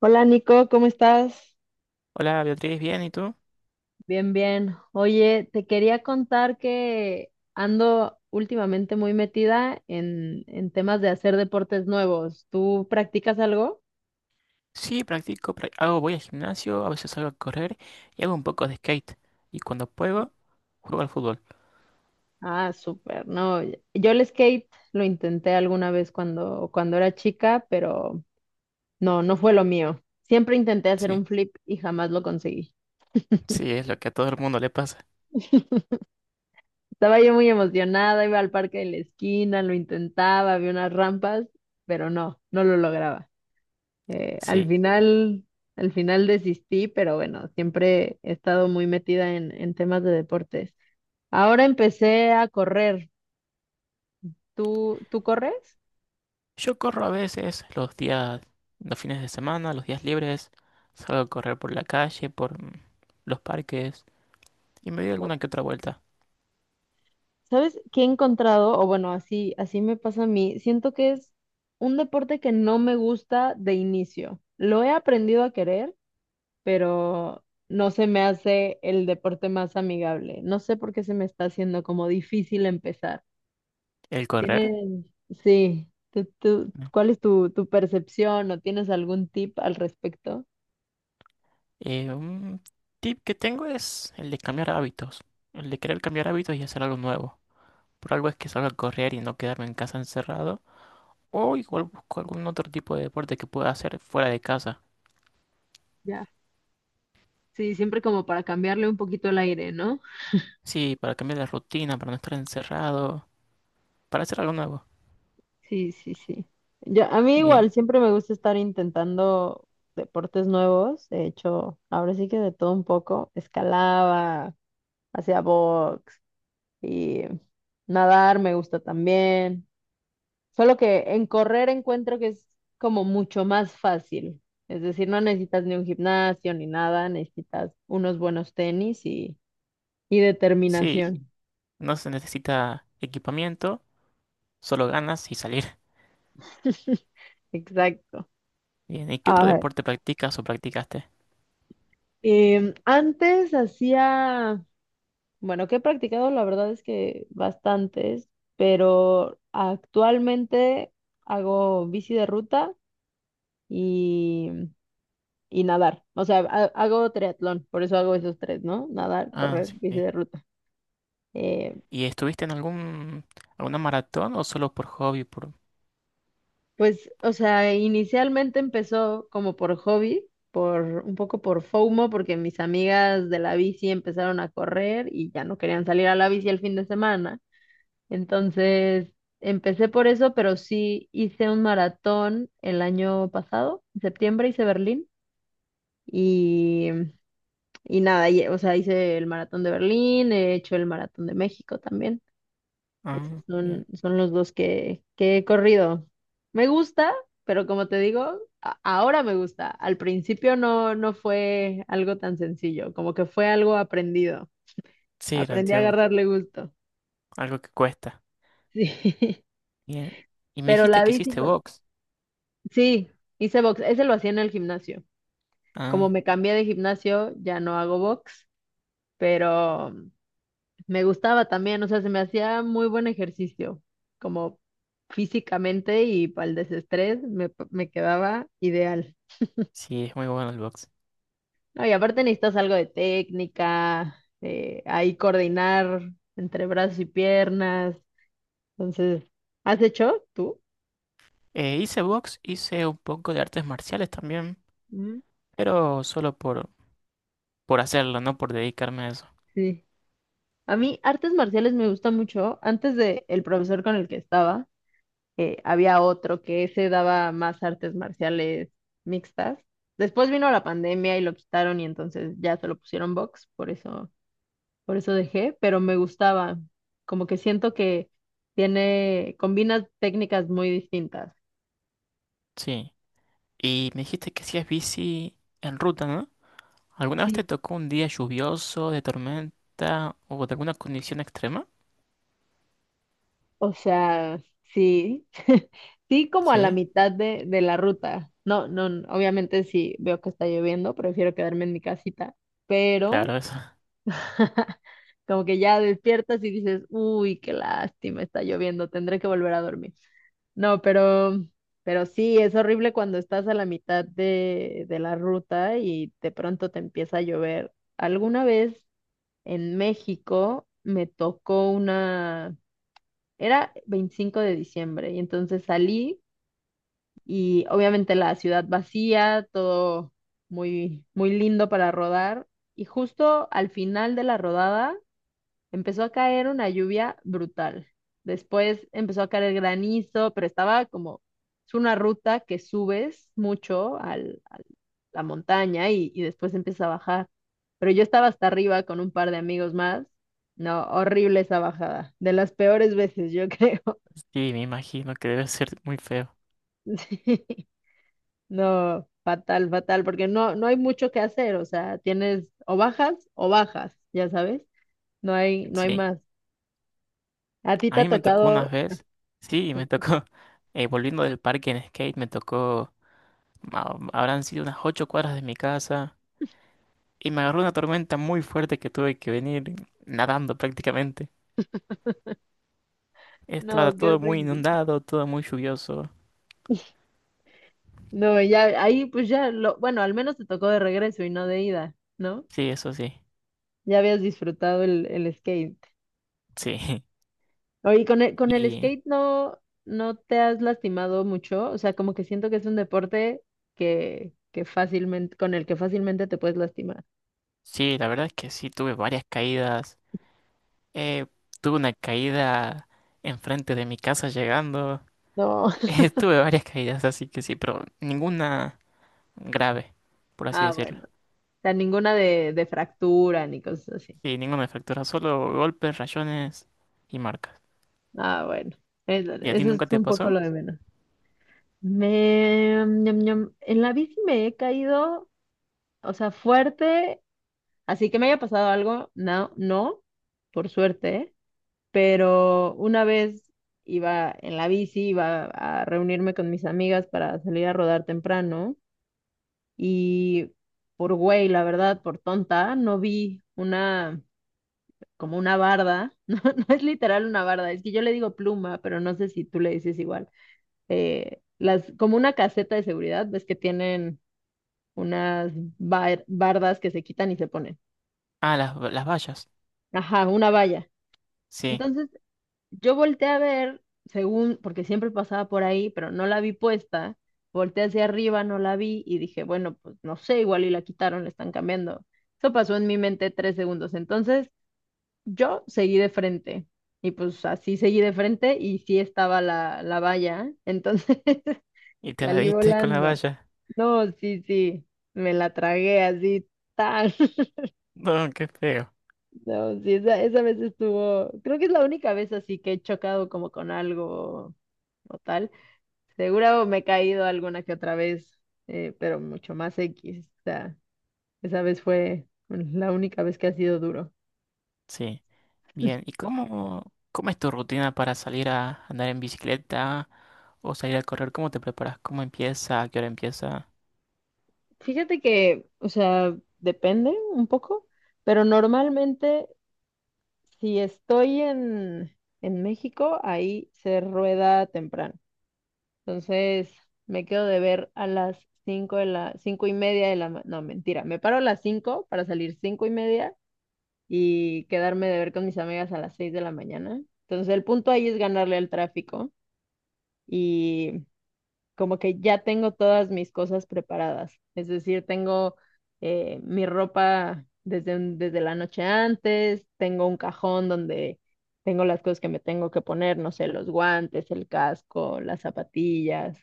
Hola Nico, ¿cómo estás? Hola Beatriz, ¿bien? ¿Y tú? Bien, bien. Oye, te quería contar que ando últimamente muy metida en temas de hacer deportes nuevos. ¿Tú practicas algo? Sí, practico, hago, voy al gimnasio, a veces salgo a correr y hago un poco de skate. Y cuando puedo, juego al fútbol. Ah, súper. No, yo el skate lo intenté alguna vez cuando era chica, pero no, no fue lo mío. Siempre intenté hacer Sí, un flip y jamás lo conseguí. sí, es lo que a todo el mundo le pasa. Estaba yo muy emocionada, iba al parque de la esquina, lo intentaba, había unas rampas, pero no, no lo lograba. Al Sí, final, desistí, pero bueno, siempre he estado muy metida en temas de deportes. Ahora empecé a correr. ¿Tú corres? yo corro a veces los días, los fines de semana, los días libres, salgo a correr por la calle, por los parques y me doy No. alguna que otra vuelta. ¿Sabes qué he encontrado? O bueno, así, así me pasa a mí. Siento que es un deporte que no me gusta de inicio. Lo he aprendido a querer, pero no se me hace el deporte más amigable. No sé por qué se me está haciendo como difícil empezar. ¿El correr? Tienes, sí, Mm. ¿cuál es tu percepción o tienes algún tip al respecto? Un tip que tengo es el de cambiar hábitos, el de querer cambiar hábitos y hacer algo nuevo. Por algo es que salgo a correr y no quedarme en casa encerrado. O igual busco algún otro tipo de deporte que pueda hacer fuera de casa. Ya. Sí, siempre como para cambiarle un poquito el aire, ¿no? Sí, para cambiar la rutina, para no estar encerrado, para hacer algo nuevo. Sí, sí, sí. Yo, a mí Bien, igual, siempre me gusta estar intentando deportes nuevos. He hecho, ahora sí que de todo un poco, escalaba, hacía box y nadar me gusta también. Solo que en correr encuentro que es como mucho más fácil. Es decir, no necesitas ni un gimnasio ni nada, necesitas unos buenos tenis y sí, determinación. no se necesita equipamiento, solo ganas y salir. Exacto. Bien, ¿y qué otro Ah, deporte practicas o practicaste? Antes hacía, bueno, que he practicado la verdad es que bastantes, pero actualmente hago bici de ruta y, y nadar. O sea, hago triatlón, por eso hago esos tres, ¿no? Nadar, Ah, correr, sí, bici sí. de ruta. Eh, ¿Y estuviste en algún, alguna maratón o solo por hobby? Por... pues, o sea, inicialmente empezó como por hobby, por un poco por FOMO, porque mis amigas de la bici empezaron a correr y ya no querían salir a la bici el fin de semana. Entonces, empecé por eso, pero sí hice un maratón el año pasado, en septiembre hice Berlín y, y nada, o sea, hice el maratón de Berlín, he hecho el maratón de México también. Esos Ah, bien. son, son los dos que he corrido. Me gusta, pero como te digo, ahora me gusta. Al principio no, no fue algo tan sencillo, como que fue algo aprendido. Sí, lo Aprendí a entiendo. agarrarle gusto. Algo que cuesta. Sí. Bien. Y me Pero dijiste la que bici, hiciste pues, box. sí, hice box. Ese lo hacía en el gimnasio. Como Ah, me cambié de gimnasio, ya no hago box, pero me gustaba también, o sea, se me hacía muy buen ejercicio, como físicamente y para el desestrés me quedaba ideal. sí, es muy bueno el box. No, y aparte necesitas algo de técnica, ahí coordinar entre brazos y piernas. Entonces, ¿has hecho tú? Hice box, hice un poco de artes marciales también, Mm. pero solo por hacerlo, no por dedicarme a eso. Sí. A mí artes marciales me gusta mucho. Antes de el profesor con el que estaba, había otro que se daba más artes marciales mixtas. Después vino la pandemia y lo quitaron y entonces ya se lo pusieron box, por eso dejé, pero me gustaba, como que siento que tiene, combina técnicas muy distintas. Sí. Y me dijiste que hacías bici en ruta, ¿no? ¿Alguna vez te Sí. tocó un día lluvioso, de tormenta o de alguna condición extrema? O sea, sí, sí como a la Sí, mitad de la ruta. No, no, obviamente si veo que está lloviendo, prefiero quedarme en mi casita, pero claro, eso. como que ya despiertas y dices, uy, qué lástima, está lloviendo, tendré que volver a dormir. No, pero sí, es horrible cuando estás a la mitad de la ruta y de pronto te empieza a llover. Alguna vez en México me tocó una, era 25 de diciembre y entonces salí y obviamente la ciudad vacía, todo muy, muy lindo para rodar y justo al final de la rodada empezó a caer una lluvia brutal. Después empezó a caer granizo, pero estaba como, es una ruta que subes mucho a la montaña y después empieza a bajar. Pero yo estaba hasta arriba con un par de amigos más. No, horrible esa bajada. De las peores veces, yo creo. Sí, me imagino que debe ser muy feo. Sí. No, fatal, fatal, porque no, no hay mucho que hacer. O sea, tienes o bajas, ya sabes. No hay, no hay Sí. más. ¿A ti A te ha mí me tocó unas tocado? veces. Sí, me tocó. Volviendo del parque en skate, me tocó. Habrán sido unas 8 cuadras de mi casa y me agarró una tormenta muy fuerte que tuve que venir nadando prácticamente. Estaba No, qué todo muy horrible. inundado, todo muy lluvioso. No, ya ahí pues ya lo, bueno, al menos te tocó de regreso y no de ida, ¿no? Sí, eso sí. Ya habías disfrutado el skate. Sí. Oye, con el Y skate no, no te has lastimado mucho, o sea, como que siento que es un deporte que fácilmente, con el que fácilmente te puedes lastimar. sí, la verdad es que sí, tuve varias caídas. Eh, Tuve una caída enfrente de mi casa llegando. No. Tuve varias caídas, así que sí, pero ninguna grave, por así Ah, decirlo. bueno. O sea, ninguna de fractura ni cosas así. Sí, ninguna fractura, solo golpes, rayones y marcas. Ah, bueno. ¿Y a ti Eso nunca es te un poco pasó? lo de menos. Me, ñam, ñam. En la bici me he caído, o sea, fuerte. Así que me haya pasado algo, no, no, por suerte, ¿eh? Pero una vez iba en la bici, iba a reunirme con mis amigas para salir a rodar temprano y por güey, la verdad, por tonta, no vi una, como una barda, no, no es literal una barda, es que yo le digo pluma, pero no sé si tú le dices igual, las, como una caseta de seguridad, ves que tienen unas bardas que se quitan y se ponen. Ah, las vallas. Ajá, una valla. Sí. Entonces yo volteé a ver, según, porque siempre pasaba por ahí, pero no la vi puesta. Volteé hacia arriba, no la vi y dije, bueno, pues no sé, igual y la quitaron, la están cambiando. Eso pasó en mi mente 3 segundos. Entonces, yo seguí de frente y pues así seguí de frente y sí estaba la, la valla. Entonces, Y te la salí diste con la volando. valla. No, sí, sí, me la tragué así, tal. No, qué feo. No, sí, esa vez estuvo, creo que es la única vez así que he chocado como con algo o tal. Seguro me he caído alguna que otra vez, pero mucho más X. O sea, esa vez fue la única vez que ha sido duro. Sí. Bien, ¿y cómo, cómo es tu rutina para salir a andar en bicicleta o salir a correr? ¿Cómo te preparas? ¿Cómo empieza? ¿A qué hora empieza? Fíjate que, o sea, depende un poco, pero normalmente si estoy en México, ahí se rueda temprano. Entonces, me quedo de ver a las cinco y media de la, ma- no, mentira, me paro a las 5 para salir 5:30 y quedarme de ver con mis amigas a las 6 de la mañana. Entonces el punto ahí es ganarle al tráfico y como que ya tengo todas mis cosas preparadas. Es decir, tengo mi ropa desde la noche antes, tengo un cajón donde tengo las cosas que me tengo que poner, no sé, los guantes, el casco, las zapatillas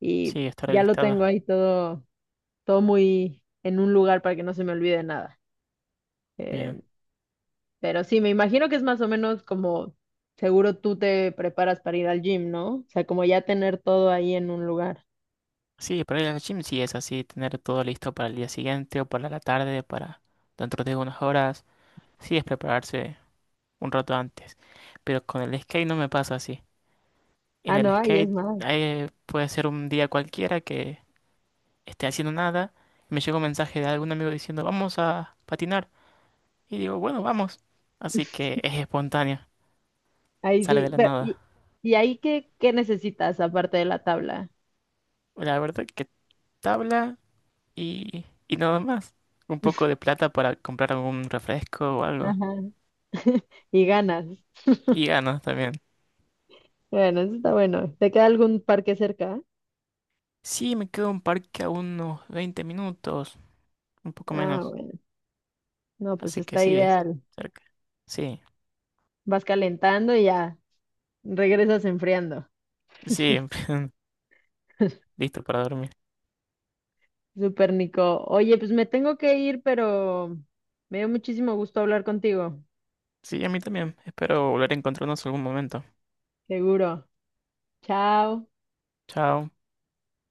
y Sí, estar ya lo tengo alistada. ahí todo, todo muy en un lugar para que no se me olvide nada. Bien. Eh, Pero sí, me imagino que es más o menos como seguro tú te preparas para ir al gym, ¿no? O sea, como ya tener todo ahí en un lugar. Sí, para ir al gym sí es así, tener todo listo para el día siguiente o para la tarde, para dentro de unas horas. Sí, es prepararse un rato antes. Pero con el skate no me pasa así. En Ah, el no, ahí es skate más. eh, puede ser un día cualquiera que esté haciendo nada y me llega un mensaje de algún amigo diciendo, vamos a patinar. Y digo, bueno, vamos. Así que es espontánea, Ahí sale de sí. la Pero, nada. ¿y ahí qué necesitas aparte de la tabla? La verdad que tabla y nada más. Un poco de plata para comprar algún refresco o algo. Ajá. Y ganas. Y ganas también. Bueno, eso está bueno. ¿Te queda algún parque cerca? Sí, me quedo en parque a unos 20 minutos, un poco Ah, menos. bueno. No, pues Así que está sí, es ideal. cerca. Sí, Vas calentando y ya regresas enfriando. sí, listo para dormir. Súper, Nico. Oye, pues me tengo que ir, pero me dio muchísimo gusto hablar contigo. Sí, a mí también. Espero volver a encontrarnos algún momento. Seguro. Chao. Chao.